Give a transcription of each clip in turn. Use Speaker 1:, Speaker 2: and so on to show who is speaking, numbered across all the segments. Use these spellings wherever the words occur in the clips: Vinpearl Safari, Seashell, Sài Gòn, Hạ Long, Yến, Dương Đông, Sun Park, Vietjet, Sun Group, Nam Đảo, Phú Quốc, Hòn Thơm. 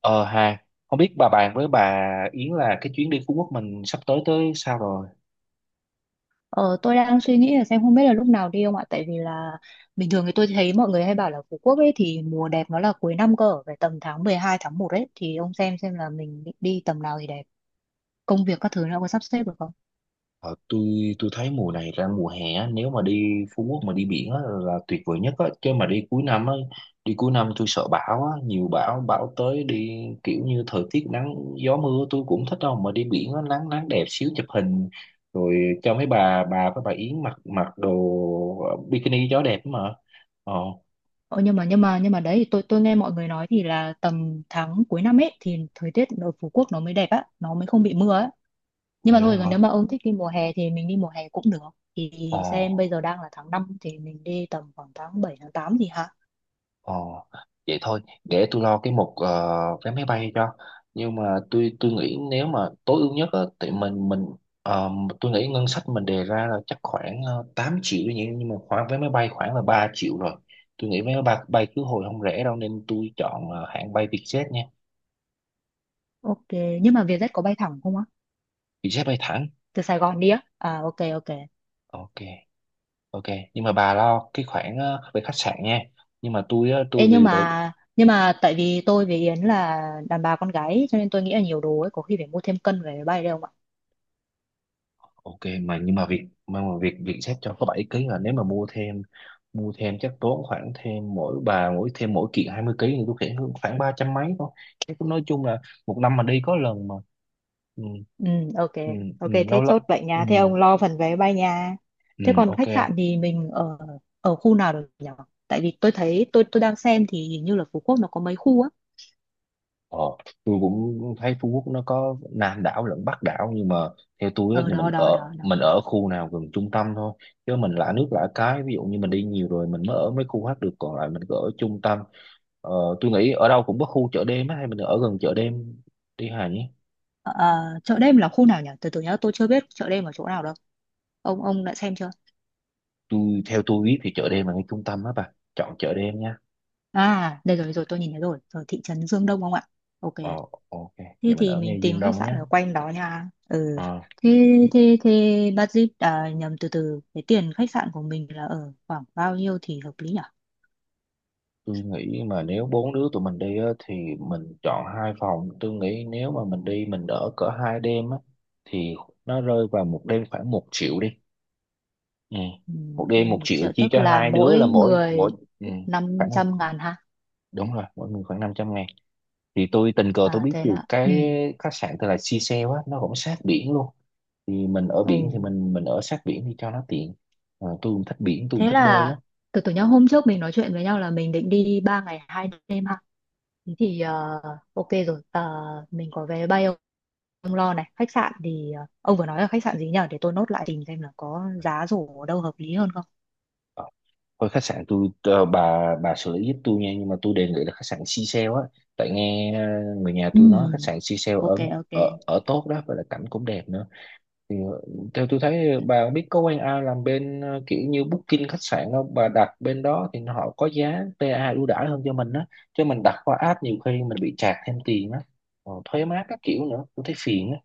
Speaker 1: Ờ hà Không biết bà bạn với bà Yến là cái chuyến đi Phú Quốc mình sắp tới tới sao rồi?
Speaker 2: Ờ, tôi đang suy nghĩ là xem không biết là lúc nào đi không ạ, tại vì là bình thường thì tôi thấy mọi người hay bảo là Phú Quốc ấy thì mùa đẹp nó là cuối năm cơ, phải tầm tháng 12 tháng 1 ấy, thì ông xem là mình định đi tầm nào thì đẹp, công việc các thứ nó có sắp xếp được không.
Speaker 1: Ờ, tôi thấy mùa này ra mùa hè á, nếu mà đi Phú Quốc mà đi biển á là tuyệt vời nhất á, chứ mà đi cuối năm á, đi cuối năm tôi sợ bão á, nhiều bão, bão tới đi kiểu như thời tiết nắng gió mưa tôi cũng thích đâu, mà đi biển á nắng nắng đẹp xíu chụp hình rồi, cho mấy bà với bà Yến mặc mặc đồ bikini gió đẹp mà. Ờ,
Speaker 2: Nhưng mà đấy thì tôi nghe mọi người nói thì là tầm tháng cuối năm ấy thì thời tiết ở Phú Quốc nó mới đẹp á, nó mới không bị mưa á. Nhưng
Speaker 1: vậy
Speaker 2: mà thôi, còn
Speaker 1: hả?
Speaker 2: nếu mà ông thích đi mùa hè thì mình đi mùa hè cũng được. Thì
Speaker 1: Ờ.
Speaker 2: xem bây giờ đang là tháng 5 thì mình đi tầm khoảng tháng 7 tháng 8 gì hả?
Speaker 1: Ồ, vậy thôi, để tôi lo cái mục vé máy bay cho. Nhưng mà tôi nghĩ nếu mà tối ưu nhất á, thì ờ, tôi nghĩ ngân sách mình đề ra là chắc khoảng 8 triệu nhỉ, nhưng mà khoảng vé máy bay khoảng là 3 triệu rồi. Tôi nghĩ vé máy bay, bay khứ hồi không rẻ đâu nên tôi chọn hãng bay Vietjet nha.
Speaker 2: Ok, nhưng mà Vietjet có bay thẳng không ạ?
Speaker 1: Vietjet bay thẳng.
Speaker 2: Từ Sài Gòn đi á. À, ok, ok.
Speaker 1: Ok, ok. Nhưng mà bà lo cái khoản về khách sạn nha. Nhưng mà tôi á, tôi
Speaker 2: Ê, nhưng
Speaker 1: vì đồ,
Speaker 2: mà nhưng mà tại vì tôi với Yến là đàn bà con gái cho nên tôi nghĩ là nhiều đồ ấy có khi phải mua thêm cân về máy bay đấy không ạ.
Speaker 1: ok. Mà nhưng mà việc mà việc việc xếp cho có 7 ký, là nếu mà mua thêm chắc tốn khoảng thêm mỗi bà, mỗi thêm mỗi kiện 20 ký thì tôi nghĩ khoảng 300 mấy thôi. Thế cũng nói chung là một năm mà đi có lần mà. Ừ,
Speaker 2: Ừ, ok.
Speaker 1: ừ, ừ,
Speaker 2: Ok, thế
Speaker 1: lâu lắm.
Speaker 2: chốt vậy
Speaker 1: Ừ,
Speaker 2: nha. Thế ông lo phần vé máy bay nha.
Speaker 1: ừ,
Speaker 2: Thế còn
Speaker 1: ok.
Speaker 2: khách sạn thì mình ở ở khu nào được nhỉ, tại vì tôi thấy tôi đang xem thì hình như là Phú Quốc nó có mấy khu á.
Speaker 1: Ờ, tôi cũng thấy Phú Quốc nó có Nam đảo lẫn Bắc đảo, nhưng mà theo tôi á,
Speaker 2: Ở
Speaker 1: thì
Speaker 2: đó đó đó đó.
Speaker 1: mình ở khu nào gần trung tâm thôi, chứ mình lạ nước lạ cái, ví dụ như mình đi nhiều rồi mình mới ở mấy khu khác được, còn lại mình cứ ở trung tâm. ờ, tôi nghĩ ở đâu cũng có khu chợ đêm á, hay mình ở gần chợ đêm đi Hà nhé.
Speaker 2: Ờ, ờ, chợ đêm là khu nào nhỉ, từ từ nhá, tôi chưa biết chợ đêm ở chỗ nào đâu, ông đã xem chưa.
Speaker 1: Theo tôi biết thì chợ đêm là ngay trung tâm á, bà chọn chợ đêm nha.
Speaker 2: À đây rồi rồi, tôi nhìn thấy rồi, ở thị trấn Dương Đông không ạ? Ok.
Speaker 1: ờ ok,
Speaker 2: Thế
Speaker 1: vậy mình
Speaker 2: thì
Speaker 1: ở
Speaker 2: mình
Speaker 1: ngay
Speaker 2: tìm
Speaker 1: Dương
Speaker 2: khách
Speaker 1: Đông nhé.
Speaker 2: sạn ở quanh đó nha. Ừ.
Speaker 1: Ờ.
Speaker 2: Thế thế thế budget, à nhầm, từ từ, cái tiền khách sạn của mình là ở khoảng bao nhiêu thì hợp lý nhỉ?
Speaker 1: Tôi nghĩ mà nếu bốn đứa tụi mình đi á, thì mình chọn hai phòng. Tôi nghĩ nếu mà mình đi mình ở cỡ hai đêm á, thì nó rơi vào một đêm khoảng 1 triệu đi. Ừ.
Speaker 2: Ừ,
Speaker 1: Một
Speaker 2: Một
Speaker 1: đêm một
Speaker 2: đêm một
Speaker 1: triệu
Speaker 2: triệu
Speaker 1: chia
Speaker 2: tức
Speaker 1: cho
Speaker 2: là
Speaker 1: hai đứa
Speaker 2: mỗi
Speaker 1: là mỗi
Speaker 2: người
Speaker 1: mỗi Ừ.
Speaker 2: năm
Speaker 1: Khoảng,
Speaker 2: trăm ngàn ha.
Speaker 1: đúng rồi, mỗi người khoảng 500.000. Thì tôi tình cờ tôi
Speaker 2: À
Speaker 1: biết
Speaker 2: thế
Speaker 1: được
Speaker 2: là
Speaker 1: cái
Speaker 2: ừ.
Speaker 1: khách sạn tên là Seashell á, nó cũng sát biển luôn, thì mình ở biển thì
Speaker 2: Ừ.
Speaker 1: mình ở sát biển đi cho nó tiện. Tôi cũng thích biển, tôi cũng
Speaker 2: Thế
Speaker 1: thích bơi
Speaker 2: là
Speaker 1: lắm.
Speaker 2: từ từ nhá, hôm trước mình nói chuyện với nhau là mình định đi 3 ngày 2 đêm. Thế thì ok rồi. Ờ, mình có vé bay không? Ông lo này, khách sạn thì ông vừa nói là khách sạn gì nhỉ, để tôi nốt lại tìm xem là có giá rổ ở đâu hợp lý hơn không.
Speaker 1: Thôi, khách sạn tôi bà xử lý giúp tôi nha, nhưng mà tôi đề nghị là khách sạn Seashell á, tại nghe người nhà
Speaker 2: Ừ.
Speaker 1: tôi nói khách sạn Seashell ở
Speaker 2: Ok, ok,
Speaker 1: ở ở tốt đó và là cảnh cũng đẹp nữa. Thì theo tôi thấy, bà biết có quen ai làm bên kiểu như booking khách sạn không, bà đặt bên đó thì họ có giá PA ưu đãi hơn cho mình á, chứ mình đặt qua app nhiều khi mình bị chạc thêm tiền á. Thuế má các kiểu nữa tôi thấy phiền á,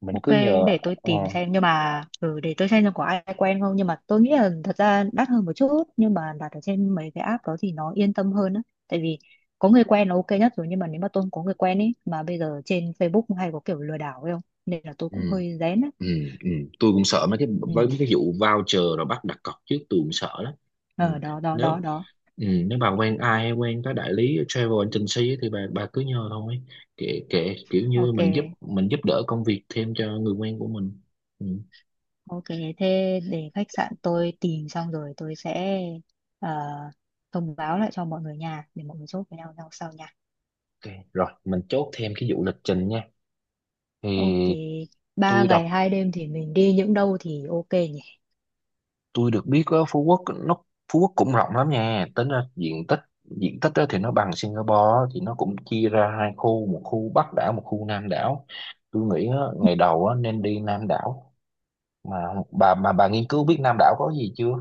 Speaker 1: mình
Speaker 2: ok.
Speaker 1: cứ nhờ.
Speaker 2: Để tôi
Speaker 1: ờ,
Speaker 2: tìm xem, nhưng mà để tôi xem có ai quen không, nhưng mà tôi nghĩ là thật ra đắt hơn một chút nhưng mà đặt ở trên mấy cái app đó thì nó yên tâm hơn á. Tại vì có người quen là ok nhất rồi, nhưng mà nếu mà tôi không có người quen ấy mà bây giờ trên Facebook hay có kiểu lừa đảo ấy không, nên là tôi
Speaker 1: ừ.
Speaker 2: cũng hơi rén á.
Speaker 1: Ừ, ừ. Tôi cũng sợ mấy cái,
Speaker 2: Ừ.
Speaker 1: với mấy cái vụ voucher rồi bắt đặt cọc trước tôi cũng sợ lắm. Ừ.
Speaker 2: Ờ đó đó đó
Speaker 1: Nếu
Speaker 2: đó.
Speaker 1: Nếu bà quen ai hay quen cái đại lý travel agency ấy, thì bà cứ nhờ thôi, kệ kệ kiểu như
Speaker 2: Ok.
Speaker 1: mình giúp đỡ công việc thêm cho người quen của mình. Ừ.
Speaker 2: Ok, thế để khách sạn tôi tìm xong rồi tôi sẽ ờ, thông báo lại cho mọi người nhà để mọi người chốt với nhau nhau sau nha.
Speaker 1: Ok. Rồi mình chốt thêm cái vụ lịch trình nha.
Speaker 2: Ok,
Speaker 1: Thì
Speaker 2: ba
Speaker 1: tôi
Speaker 2: ngày
Speaker 1: đọc
Speaker 2: hai đêm thì mình đi những đâu thì ok nhỉ?
Speaker 1: tôi được biết á, Phú Quốc cũng rộng lắm nha, tính ra diện tích á thì nó bằng Singapore á, thì nó cũng chia ra hai khu, một khu Bắc đảo, một khu Nam đảo. Tôi nghĩ á, ngày đầu á nên đi Nam đảo. mà mà bà nghiên cứu biết Nam đảo có gì chưa?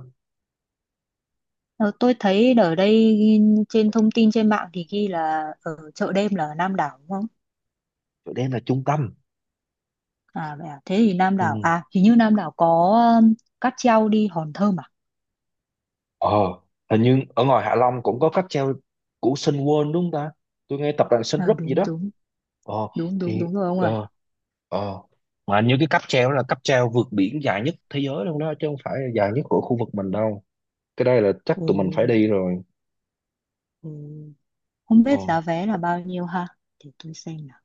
Speaker 2: Ờ, tôi thấy ở đây ghi- trên thông tin trên mạng thì ghi là ở chợ đêm là ở Nam Đảo đúng không?
Speaker 1: Chỗ đây là trung tâm.
Speaker 2: À, vậy à? Thế thì Nam Đảo,
Speaker 1: Ừ.
Speaker 2: à hình như Nam Đảo có um, cáp treo đi Hòn Thơm à?
Speaker 1: Ờ, Hình như ở ngoài Hạ Long cũng có cáp treo của Sun World đúng không ta? Tôi nghe tập đoàn Sun
Speaker 2: Ờ,
Speaker 1: Group gì
Speaker 2: đúng
Speaker 1: đó.
Speaker 2: đúng,
Speaker 1: Ờ,
Speaker 2: đúng đúng
Speaker 1: thì
Speaker 2: đúng rồi ông ơi.
Speaker 1: ờ Ờ. Mà như cái cáp treo đó là cáp treo vượt biển dài nhất thế giới luôn đó, chứ không phải là dài nhất của khu vực mình đâu. Cái đây là chắc tụi mình phải đi
Speaker 2: Ừ,
Speaker 1: rồi.
Speaker 2: ừ. Không
Speaker 1: Ờ.
Speaker 2: biết giá vé là bao nhiêu ha? Để tôi xem nào.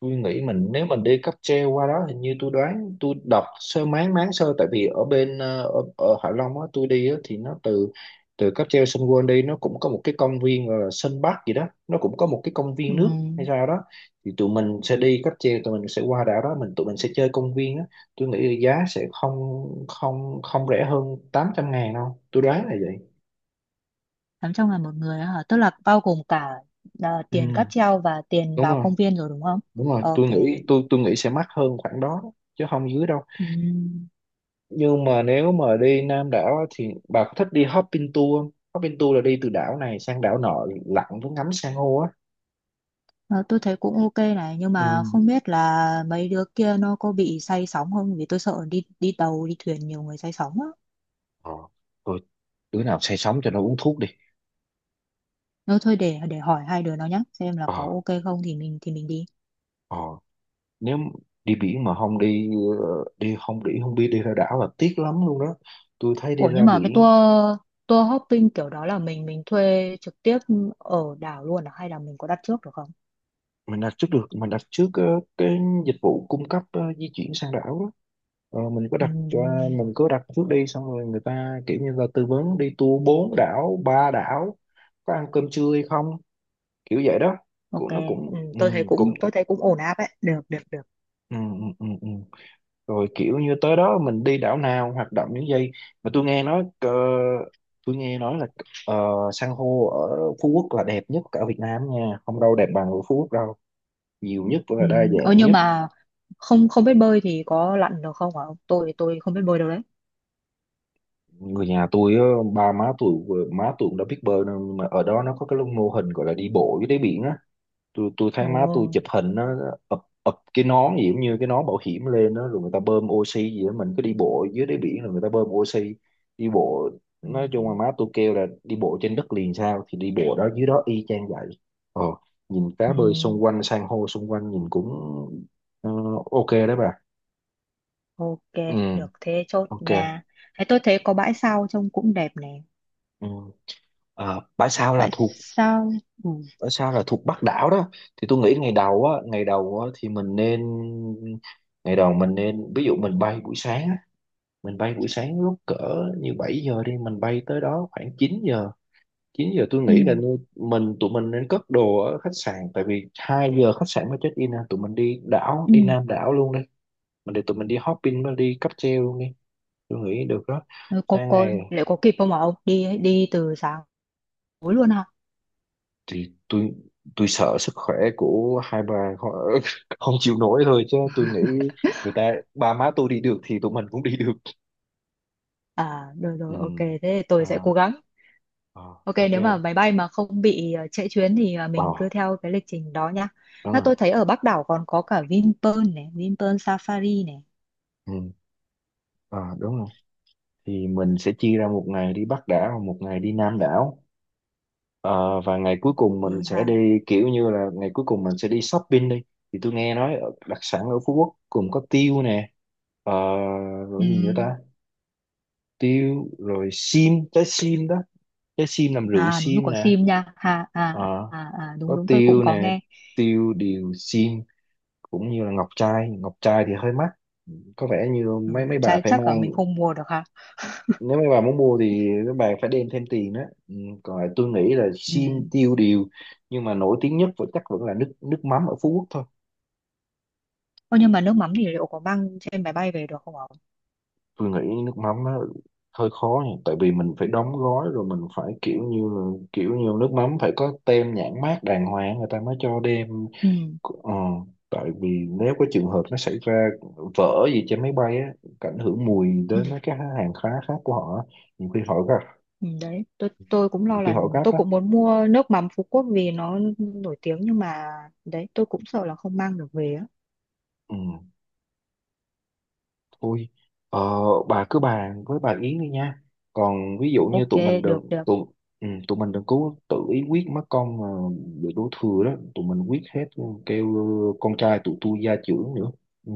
Speaker 1: Tôi nghĩ mình nếu mình đi cáp treo qua đó, hình như tôi đoán, tôi đọc sơ máng máng sơ, tại vì ở bên ở Hạ Long á tôi đi á thì nó từ từ cáp treo Sun World đi, nó cũng có một cái công viên gọi là Sun Park gì đó, nó cũng có một cái công
Speaker 2: Ừ,
Speaker 1: viên nước hay sao đó. Thì tụi mình sẽ đi cáp treo, tụi mình sẽ qua đảo đó, tụi mình sẽ chơi công viên á. Tôi nghĩ là giá sẽ không không không rẻ hơn 800.000 đâu, tôi đoán là vậy.
Speaker 2: 800 ngàn một người á hả? Tức là bao gồm cả, à, tiền
Speaker 1: Ừ,
Speaker 2: cáp treo và tiền
Speaker 1: đúng
Speaker 2: vào
Speaker 1: rồi,
Speaker 2: công viên rồi đúng không?
Speaker 1: đúng rồi.
Speaker 2: Ok.
Speaker 1: Tôi nghĩ sẽ mắc hơn khoảng đó, chứ không dưới đâu.
Speaker 2: Ừ.
Speaker 1: Nhưng mà nếu mà đi Nam đảo á thì bà có thích đi hopping tour không? Hopping tour là đi từ đảo này sang đảo nọ, lặn với ngắm san hô á.
Speaker 2: Ờ, tôi thấy cũng ok này, nhưng
Speaker 1: Ừ.
Speaker 2: mà không biết là mấy đứa kia nó có bị say sóng không, vì tôi sợ đi đi tàu đi thuyền nhiều người say sóng á.
Speaker 1: Ờ, Thôi đứa nào say sóng cho nó uống thuốc đi.
Speaker 2: Nếu thôi để hỏi hai đứa nó nhá xem là
Speaker 1: Ờ,
Speaker 2: có ok không thì mình thì mình đi.
Speaker 1: ờ, Nếu đi biển mà không đi ờ, đi không, đi không biết, đi ra đảo là tiếc lắm luôn đó. Tôi thấy đi
Speaker 2: Ủa nhưng
Speaker 1: ra
Speaker 2: mà cái tour
Speaker 1: biển.
Speaker 2: tour hopping kiểu đó là mình thuê trực tiếp ở đảo luôn à? Hay là mình có đặt trước được không?
Speaker 1: Mình đặt trước được, mình đặt trước cái dịch vụ cung cấp di chuyển sang đảo đó. Ờ, mình cứ đặt cho
Speaker 2: Ừm,
Speaker 1: mình cứ đặt trước đi, xong rồi người ta kiểu như là tư vấn đi tour bốn đảo, ba đảo, có ăn cơm trưa hay không, kiểu vậy đó,
Speaker 2: ok.
Speaker 1: cũng nó
Speaker 2: Tôi thấy cũng
Speaker 1: cũng
Speaker 2: tôi thấy cũng ổn áp ấy, được được được.
Speaker 1: ừ, ừ, ừ, ừ. Rồi kiểu như tới đó mình đi đảo nào, hoạt động những gì. Mà tôi nghe nói là san hô ở Phú Quốc là đẹp nhất cả Việt Nam nha, không đâu đẹp bằng ở Phú Quốc đâu, nhiều nhất và
Speaker 2: Ừ.
Speaker 1: đa
Speaker 2: Ờ
Speaker 1: dạng
Speaker 2: nhưng
Speaker 1: nhất.
Speaker 2: mà không không biết bơi thì có lặn được không hả? Tôi thì tôi không biết bơi đâu đấy.
Speaker 1: Người nhà tôi á, ba má tôi, má tôi cũng đã biết bơi, nên mà ở đó nó có cái mô hình gọi là đi bộ dưới đáy biển á. Tôi thấy
Speaker 2: Ồ.
Speaker 1: má tôi chụp hình nó ập ập cái nón gì cũng như cái nón bảo hiểm lên đó, rồi người ta bơm oxy gì đó, mình cứ đi bộ dưới đáy biển rồi người ta bơm oxy đi bộ.
Speaker 2: Ừ.
Speaker 1: Nói chung là má tôi kêu là đi bộ trên đất liền sao thì đi bộ đó dưới đó y chang vậy. ờ Nhìn
Speaker 2: Ừ,
Speaker 1: cá bơi xung quanh, san hô xung quanh, nhìn cũng ờ, ok đấy bà.
Speaker 2: ok,
Speaker 1: Ừ.
Speaker 2: được, thế chốt
Speaker 1: Ok.
Speaker 2: nha. Thế tôi thấy có bãi sau trông cũng đẹp nè.
Speaker 1: Ừ. Bãi sau là
Speaker 2: Bãi
Speaker 1: thuộc,
Speaker 2: sau. Ừ.
Speaker 1: ở sao là thuộc Bắc đảo đó. Thì tôi nghĩ ngày đầu á, thì mình nên ngày đầu mình nên, ví dụ mình bay buổi sáng á, mình bay buổi sáng lúc cỡ như 7 giờ đi, mình bay tới đó khoảng 9 giờ. 9 giờ tôi
Speaker 2: Ừ.
Speaker 1: nghĩ là nu- mình tụi mình nên cất đồ ở khách sạn, tại vì 2 giờ khách sạn mới check in à. Tụi mình đi đảo,
Speaker 2: Ừ.
Speaker 1: đi Nam đảo luôn đi, mình để tụi mình đi hopping, đi cáp treo luôn đi, tôi nghĩ được đó.
Speaker 2: Ừ, Có,
Speaker 1: Sang
Speaker 2: có,
Speaker 1: ngày
Speaker 2: liệu có kịp không mà ông? Đi đi từ sáng tối luôn hả?
Speaker 1: thì tôi sợ sức khỏe của hai bà họ không chịu nổi thôi, chứ tôi nghĩ người ta ba má tôi đi được thì tụi mình cũng đi được.
Speaker 2: À, rồi
Speaker 1: Ừ.
Speaker 2: rồi, ok. Thế thì
Speaker 1: À,
Speaker 2: tôi sẽ cố gắng.
Speaker 1: à,
Speaker 2: Ok,
Speaker 1: ok.
Speaker 2: nếu mà máy bay mà không bị trễ chuyến thì
Speaker 1: Ờ,
Speaker 2: mình cứ theo cái lịch trình đó nhá.
Speaker 1: đúng
Speaker 2: À,
Speaker 1: rồi.
Speaker 2: tôi thấy ở Bắc đảo còn có cả Vinpearl này, Vinpearl Safari này.
Speaker 1: Ừ. À, đúng rồi, thì mình sẽ chia ra một ngày đi Bắc đảo, một ngày đi Nam đảo. Ờ, và ngày cuối cùng mình
Speaker 2: Thì
Speaker 1: sẽ
Speaker 2: ha.
Speaker 1: đi kiểu như là ngày cuối cùng mình sẽ đi shopping đi. Thì tôi nghe nói đặc sản ở Phú Quốc cũng có tiêu nè. Ờ, Rồi
Speaker 2: Ừ.
Speaker 1: cái gì nữa ta? Tiêu rồi sim, trái sim đó, trái sim làm rượu
Speaker 2: À đúng rồi,
Speaker 1: sim
Speaker 2: có
Speaker 1: nè.
Speaker 2: sim nha. Ha, à,
Speaker 1: Ờ,
Speaker 2: à, à, đúng
Speaker 1: có
Speaker 2: đúng tôi cũng
Speaker 1: tiêu
Speaker 2: có
Speaker 1: nè,
Speaker 2: nghe.
Speaker 1: tiêu điều sim, cũng như là ngọc trai. Ngọc trai thì hơi mắc, có vẻ như
Speaker 2: Ừ,
Speaker 1: mấy mấy bà
Speaker 2: chắc,
Speaker 1: phải
Speaker 2: chắc là
Speaker 1: mang,
Speaker 2: mình không mua được ha.
Speaker 1: nếu mấy bà muốn mua thì mấy bà phải đem thêm tiền đó. Ừ, còn lại tôi nghĩ là
Speaker 2: Ừ.
Speaker 1: sim tiêu điều, nhưng mà nổi tiếng nhất vẫn chắc vẫn là nước nước mắm ở Phú Quốc thôi.
Speaker 2: Ô, nhưng mà nước mắm thì liệu có mang trên máy bay về được không ạ?
Speaker 1: Tôi nghĩ nước mắm nó hơi khó nhỉ, tại vì mình phải đóng gói, rồi mình phải kiểu như nước mắm phải có tem nhãn mác đàng hoàng người ta mới cho đem.
Speaker 2: Ừ.
Speaker 1: ờ, Tại vì nếu có trường hợp nó xảy ra vỡ gì trên máy bay á, ảnh hưởng mùi
Speaker 2: Ừ.
Speaker 1: đến mấy cái hàng hóa khác của họ á, nhiều khi họ gặp,
Speaker 2: Ừ. Đấy, tôi cũng
Speaker 1: nhiều
Speaker 2: lo
Speaker 1: khi
Speaker 2: là
Speaker 1: họ gấp
Speaker 2: tôi
Speaker 1: á.
Speaker 2: cũng muốn mua nước mắm Phú Quốc vì nó nổi tiếng, nhưng mà đấy tôi cũng sợ là không mang được về á.
Speaker 1: Ừ. Ui, ờ, bà cứ bàn với bà Yến đi nha. Còn ví dụ như
Speaker 2: Ok, được được.
Speaker 1: tụi mình đừng cố tự ý quyết mất con, mà bị đổ thừa đó, tụi mình quyết hết. Ừ, kêu con trai tụi tôi gia trưởng nữa. Ừ,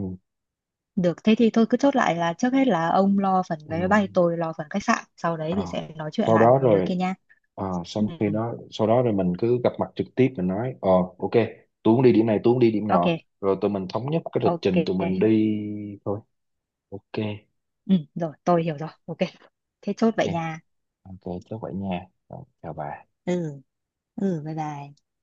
Speaker 2: Được, thế thì tôi cứ chốt lại là trước hết là ông lo phần
Speaker 1: ừ.
Speaker 2: vé máy bay, tôi lo phần khách sạn, sau đấy
Speaker 1: Ờ.
Speaker 2: thì sẽ nói chuyện
Speaker 1: Sau
Speaker 2: lại với
Speaker 1: đó
Speaker 2: mấy đứa
Speaker 1: rồi
Speaker 2: kia nha.
Speaker 1: ờ,
Speaker 2: Ừ.
Speaker 1: Xong khi đó sau đó rồi mình cứ gặp mặt trực tiếp mình nói. Ờ ok, tôi muốn đi điểm này, tôi muốn đi điểm
Speaker 2: Ok,
Speaker 1: nọ, rồi tụi mình thống nhất cái lịch
Speaker 2: ok.
Speaker 1: trình tụi mình đi thôi. Ok,
Speaker 2: Ừ, rồi, tôi hiểu rồi. Ok. Thế chốt vậy
Speaker 1: ok,
Speaker 2: nha.
Speaker 1: ok, chắc vậy nha. Rồi, chào bà.
Speaker 2: Ừ, ừ, bye bye.